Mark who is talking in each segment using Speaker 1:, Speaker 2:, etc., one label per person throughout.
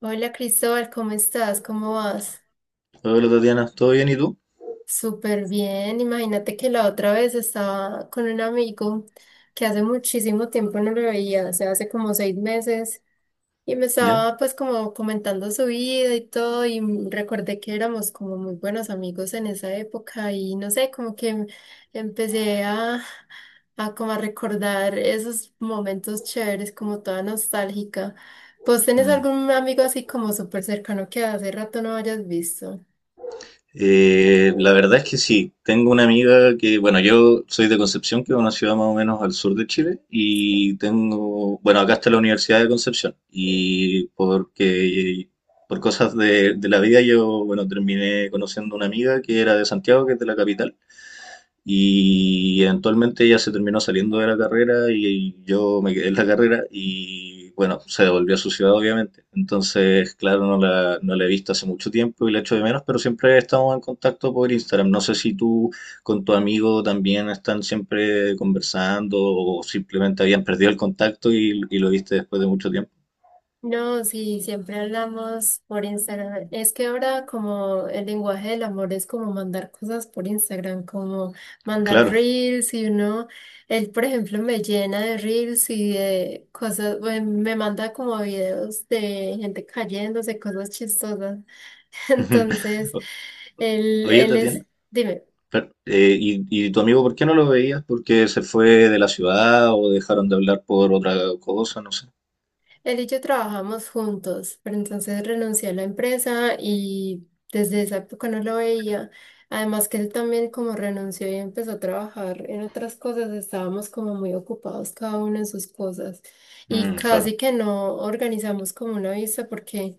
Speaker 1: Hola Cristóbal, ¿cómo estás? ¿Cómo vas?
Speaker 2: Hola Tatiana, ¿todo bien y tú?
Speaker 1: Súper bien. Imagínate que la otra vez estaba con un amigo que hace muchísimo tiempo no lo veía, o sea, hace como 6 meses y me
Speaker 2: ¿Ya?
Speaker 1: estaba pues como comentando su vida y todo y recordé que éramos como muy buenos amigos en esa época y no sé, como que empecé a, como a recordar esos momentos chéveres, como toda nostálgica. ¿Vos tenés
Speaker 2: Mm.
Speaker 1: algún amigo así como súper cercano que hace rato no hayas visto?
Speaker 2: La verdad es que sí, tengo una amiga que, bueno, yo soy de Concepción, que es una ciudad más o menos al sur de Chile,
Speaker 1: Sí.
Speaker 2: y tengo, bueno, acá está la Universidad de Concepción, y porque por cosas de la vida yo, bueno, terminé conociendo una amiga que era de Santiago, que es de la capital. Y eventualmente ella se terminó saliendo de la carrera y yo me quedé en la carrera y bueno, se devolvió a su ciudad obviamente. Entonces, claro, no la he visto hace mucho tiempo y la echo de menos, pero siempre estamos en contacto por Instagram. No sé si tú con tu amigo también están siempre conversando o simplemente habían perdido el contacto y lo viste después de mucho tiempo.
Speaker 1: No, sí, siempre hablamos por Instagram. Es que ahora como el lenguaje del amor es como mandar cosas por Instagram, como mandar
Speaker 2: Claro.
Speaker 1: reels y uno, él por ejemplo me llena de reels y de cosas, bueno, me manda como videos de gente cayéndose, cosas chistosas. Entonces, él,
Speaker 2: Oye,
Speaker 1: él es,
Speaker 2: Tatiana.
Speaker 1: dime.
Speaker 2: Pero, ¿y tu amigo por qué no lo veías? ¿Porque se fue de la ciudad o dejaron de hablar por otra cosa? No sé.
Speaker 1: Él y yo trabajamos juntos, pero entonces renuncié a la empresa y desde esa época no lo veía. Además que él también como renunció y empezó a trabajar en otras cosas, estábamos como muy ocupados cada uno en sus cosas y
Speaker 2: Mm, claro,
Speaker 1: casi que no organizamos como una vista porque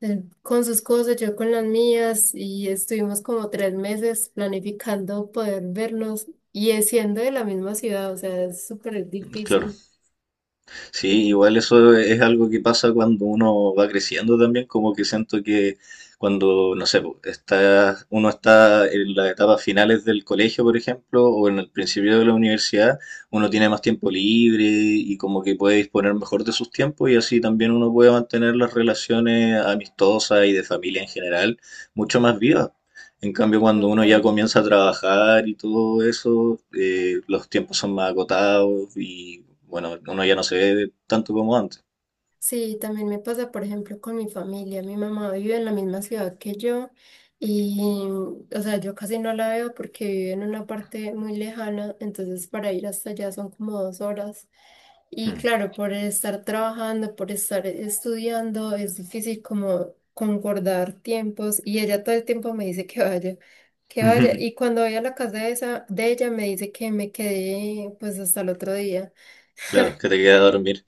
Speaker 1: él con sus cosas, yo con las mías y estuvimos como 3 meses planificando poder vernos y es siendo de la misma ciudad, o sea, es súper
Speaker 2: claro.
Speaker 1: difícil. Sí,
Speaker 2: Sí, igual eso es algo que pasa cuando uno va creciendo también, como que siento que cuando, no sé, po, está, uno está en las etapas finales del colegio, por ejemplo, o en el principio de la universidad, uno tiene más tiempo libre y como que puede disponer mejor de sus tiempos y así también uno puede mantener las relaciones amistosas y de familia en general mucho más vivas. En cambio, cuando uno ya
Speaker 1: total.
Speaker 2: comienza a trabajar y todo eso, los tiempos son más agotados y bueno, uno ya no se ve tanto como antes.
Speaker 1: Sí, también me pasa, por ejemplo, con mi familia. Mi mamá vive en la misma ciudad que yo y, o sea, yo casi no la veo porque vive en una parte muy lejana, entonces para ir hasta allá son como 2 horas. Y
Speaker 2: Mm.
Speaker 1: claro, por estar trabajando, por estar estudiando, es difícil como concordar tiempos y ella todo el tiempo me dice que vaya, que vaya. Y cuando voy a la casa de esa, de ella me dice que me quedé pues hasta el otro día.
Speaker 2: Claro, que te queda dormir.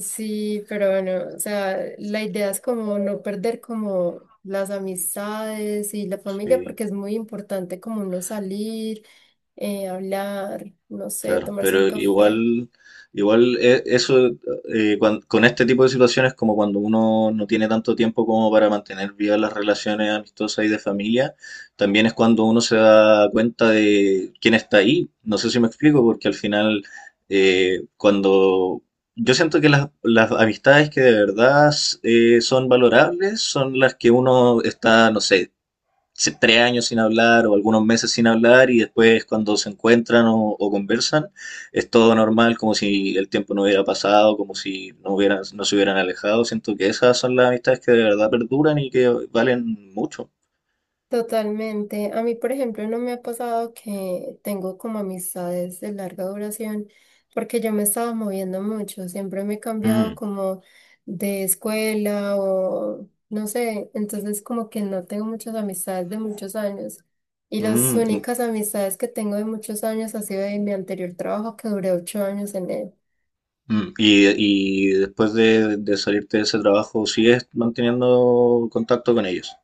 Speaker 1: Sí, pero bueno, o sea, la idea es como no perder como las amistades y la familia,
Speaker 2: Sí.
Speaker 1: porque es muy importante como no salir, hablar, no sé,
Speaker 2: Claro,
Speaker 1: tomarse un
Speaker 2: pero
Speaker 1: café.
Speaker 2: igual, eso, con este tipo de situaciones como cuando uno no tiene tanto tiempo como para mantener vivas las relaciones amistosas y de familia, también es cuando uno se da cuenta de quién está ahí. No sé si me explico, porque al final, cuando yo siento que las amistades que de verdad son valorables son las que uno está, no sé, si tres años sin hablar o algunos meses sin hablar y después cuando se encuentran o conversan es todo normal, como si el tiempo no hubiera pasado, como si no hubieran, no se hubieran alejado. Siento que esas son las amistades que de verdad perduran y que valen mucho.
Speaker 1: Totalmente. A mí, por ejemplo, no me ha pasado que tengo como amistades de larga duración, porque yo me estaba moviendo mucho, siempre me he cambiado
Speaker 2: Mm,
Speaker 1: como de escuela o no sé, entonces como que no tengo muchas amistades de muchos años. Y las
Speaker 2: mm, mm,
Speaker 1: únicas amistades que tengo de muchos años ha sido de mi anterior trabajo que duré 8 años en él.
Speaker 2: mm. Y después de salirte de ese trabajo, ¿sigues manteniendo contacto con ellos?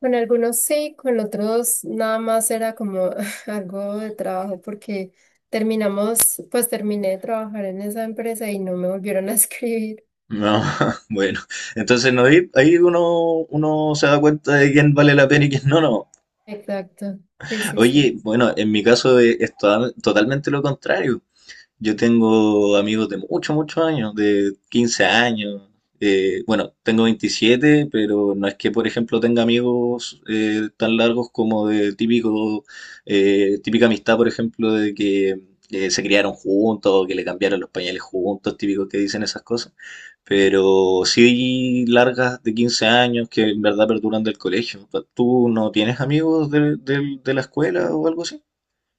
Speaker 1: Con algunos sí, con otros nada más era como algo de trabajo porque terminamos, pues terminé de trabajar en esa empresa y no me volvieron a escribir.
Speaker 2: No, bueno, entonces no, ahí uno, uno se da cuenta de quién vale la pena y quién no, no.
Speaker 1: Exacto, sí, sí, sí.
Speaker 2: Oye, bueno, en mi caso es, totalmente lo contrario. Yo tengo amigos de muchos, muchos años, de 15 años. Bueno, tengo 27, pero no es que, por ejemplo, tenga amigos tan largos como de típico, típica amistad, por ejemplo, de que se criaron juntos o que le cambiaron los pañales juntos, típicos que dicen esas cosas. Pero sí largas de 15 años que en verdad perduran del colegio. ¿Tú no tienes amigos de, de la escuela o algo así?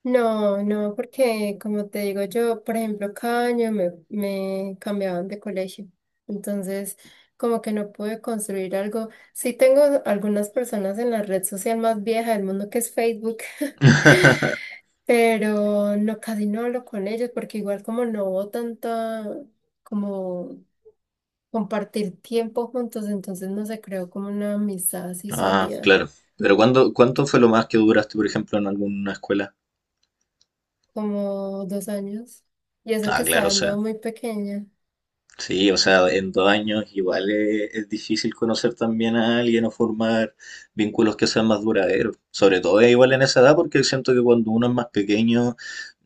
Speaker 1: No, no, porque como te digo yo, por ejemplo, cada año me, me cambiaban de colegio. Entonces, como que no pude construir algo. Sí tengo algunas personas en la red social más vieja del mundo que es Facebook. Pero no, casi no hablo con ellos porque igual como no hubo tanta como compartir tiempo juntos, entonces no se creó como una amistad así
Speaker 2: Ah,
Speaker 1: sólida,
Speaker 2: claro. Pero ¿cuánto fue lo más que duraste, por ejemplo, en alguna escuela?
Speaker 1: como 2 años. Y eso que
Speaker 2: Ah, claro,
Speaker 1: estaba
Speaker 2: o
Speaker 1: andando
Speaker 2: sea.
Speaker 1: muy pequeña.
Speaker 2: Sí, o sea, en dos años igual es difícil conocer también a alguien o formar vínculos que sean más duraderos. Sobre todo es igual en esa edad porque siento que cuando uno es más pequeño,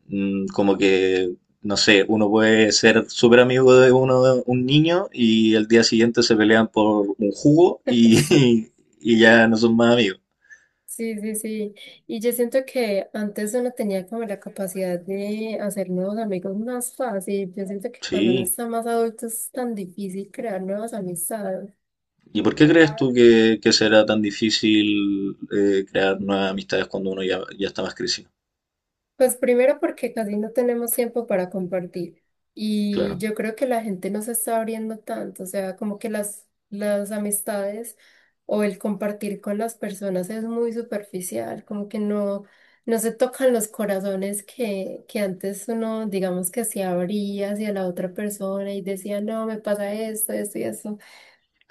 Speaker 2: mm, como que, no sé, uno puede ser súper amigo de uno, un niño y el día siguiente se pelean por un jugo y, y ya no son más amigos.
Speaker 1: Sí, sí, sí. Sí. Y yo siento que antes uno tenía como la capacidad de hacer nuevos amigos más fácil. Yo siento que cuando uno
Speaker 2: Sí.
Speaker 1: está más adulto es tan difícil crear nuevas amistades.
Speaker 2: ¿Y por qué crees tú que será tan difícil crear nuevas amistades cuando uno ya, ya está más crecido?
Speaker 1: Pues primero porque casi no tenemos tiempo para compartir y
Speaker 2: Claro.
Speaker 1: yo creo que la gente no se está abriendo tanto, o sea, como que las amistades o el compartir con las personas es muy superficial, como que no, no se tocan los corazones que antes uno, digamos que se abría hacia la otra persona y decía, no, me pasa esto, esto y eso.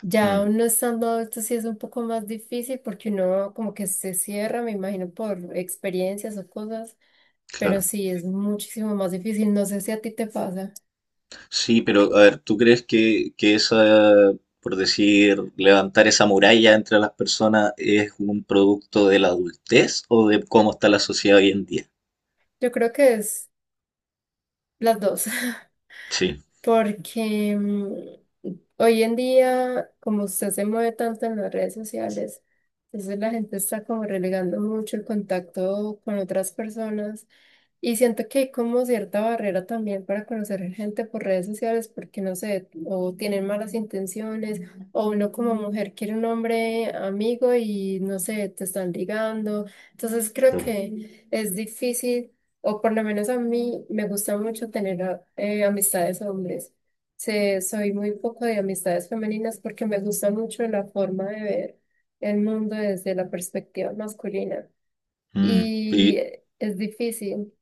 Speaker 1: Ya
Speaker 2: Mm,
Speaker 1: uno estando adulto sí es un poco más difícil porque uno como que se cierra, me imagino, por experiencias o cosas pero
Speaker 2: claro.
Speaker 1: sí es muchísimo más difícil. No sé si a ti te pasa.
Speaker 2: Sí, pero a ver, ¿tú crees que esa, por decir, levantar esa muralla entre las personas es un producto de la adultez o de cómo está la sociedad hoy en día?
Speaker 1: Yo creo que es las dos,
Speaker 2: Sí,
Speaker 1: porque hoy en día, como usted se mueve tanto en las redes sociales, entonces la gente está como relegando mucho el contacto con otras personas. Y siento que hay como cierta barrera también para conocer gente por redes sociales porque no sé, o tienen malas intenciones, o uno como mujer quiere un hombre amigo y no sé, te están ligando. Entonces creo
Speaker 2: claro.
Speaker 1: que es difícil, o por lo menos a mí me gusta mucho tener amistades hombres. Soy muy poco de amistades femeninas porque me gusta mucho la forma de ver el mundo desde la perspectiva masculina.
Speaker 2: Mm.
Speaker 1: Y
Speaker 2: Y
Speaker 1: es difícil.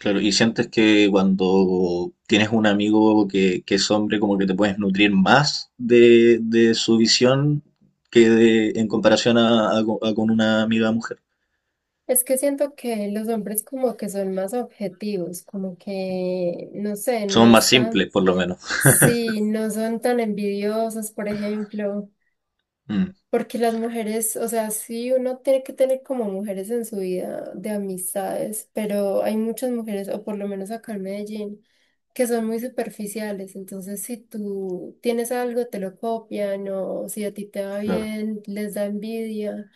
Speaker 2: claro, y sientes que cuando tienes un amigo que es hombre, como que te puedes nutrir más de su visión que de, en comparación a, a con una amiga mujer.
Speaker 1: Es que siento que los hombres como que son más objetivos, como que, no sé, no
Speaker 2: Somos más
Speaker 1: están,
Speaker 2: simples, por lo menos.
Speaker 1: sí, no son tan envidiosos, por ejemplo,
Speaker 2: Mm,
Speaker 1: porque las mujeres, o sea, sí, uno tiene que tener como mujeres en su vida de amistades, pero hay muchas mujeres, o por lo menos acá en Medellín, que son muy superficiales, entonces si tú tienes algo, te lo copian, o si a ti te va
Speaker 2: claro.
Speaker 1: bien, les da envidia,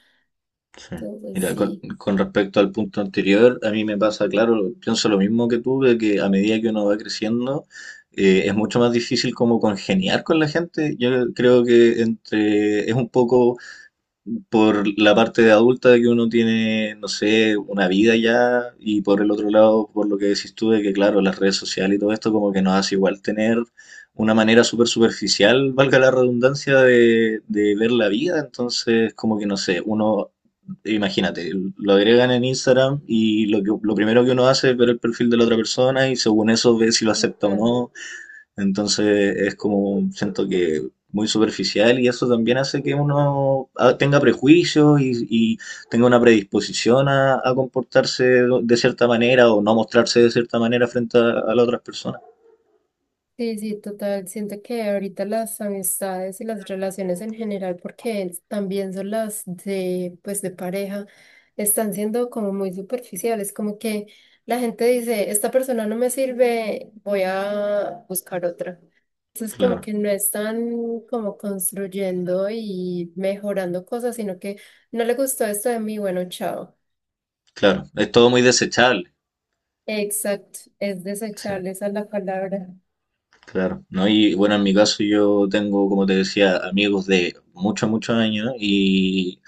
Speaker 2: Sí.
Speaker 1: entonces
Speaker 2: Mira,
Speaker 1: sí,
Speaker 2: con respecto al punto anterior, a mí me pasa, claro, pienso lo mismo que tú, de que a medida que uno va creciendo, es mucho más difícil como congeniar con la gente. Yo creo que entre, es un poco por la parte de adulta de que uno tiene, no sé, una vida ya, y por el otro lado, por lo que decís tú, de que claro, las redes sociales y todo esto como que nos hace igual tener una manera súper superficial, valga la redundancia, de ver la vida, entonces como que no sé, uno, imagínate, lo agregan en Instagram y lo que, lo primero que uno hace es ver el perfil de la otra persona y según eso ve si lo acepta o
Speaker 1: total.
Speaker 2: no, entonces es como, siento que muy superficial y eso también hace que uno tenga prejuicios y tenga una predisposición a comportarse de cierta manera o no mostrarse de cierta manera frente a las otras personas.
Speaker 1: Sí, sí, total. Siento que ahorita las amistades y las relaciones en general, porque es- también son las de, pues, de pareja, están siendo como muy superficiales, como que la gente dice, esta persona no me sirve, voy a buscar otra. Entonces, como
Speaker 2: Claro,
Speaker 1: que no están como construyendo y mejorando cosas, sino que no le gustó esto de mí, bueno, chao.
Speaker 2: claro. Es todo muy desechable.
Speaker 1: Exacto, es
Speaker 2: Sí,
Speaker 1: desechable, esa es la palabra.
Speaker 2: claro, ¿no? Y bueno, en mi caso yo tengo, como te decía, amigos de muchos, muchos años. Y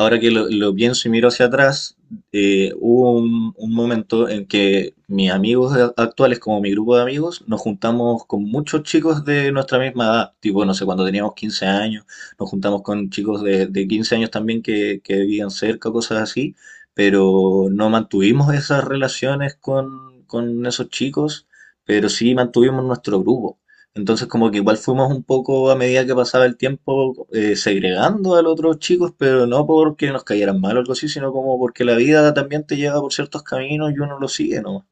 Speaker 2: ahora que lo pienso y miro hacia atrás, hubo un momento en que mis amigos actuales, como mi grupo de amigos, nos juntamos con muchos chicos de nuestra misma edad, tipo, no sé, cuando teníamos 15 años, nos juntamos con chicos de 15 años también que vivían cerca, cosas así, pero no mantuvimos esas relaciones con esos chicos, pero sí mantuvimos nuestro grupo. Entonces como que igual fuimos un poco a medida que pasaba el tiempo, segregando a los otros chicos, pero no porque nos cayeran mal o algo así, sino como porque la vida también te lleva por ciertos caminos y uno lo sigue, ¿no?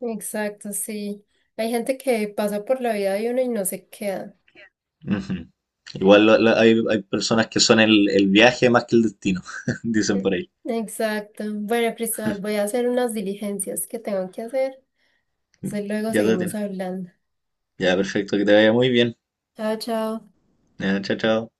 Speaker 1: Exacto, sí. Hay gente que pasa por la vida de uno y no se queda.
Speaker 2: Ujú. Igual hay, hay personas que son el viaje más que el destino, dicen
Speaker 1: E-
Speaker 2: por ahí.
Speaker 1: Exacto. Bueno, Cristóbal, voy a hacer unas diligencias que tengo que hacer. Entonces luego
Speaker 2: Ya te
Speaker 1: seguimos
Speaker 2: tienes.
Speaker 1: hablando.
Speaker 2: Ya, perfecto, que te vaya muy bien.
Speaker 1: Chao, chao.
Speaker 2: Ya, chao, chao.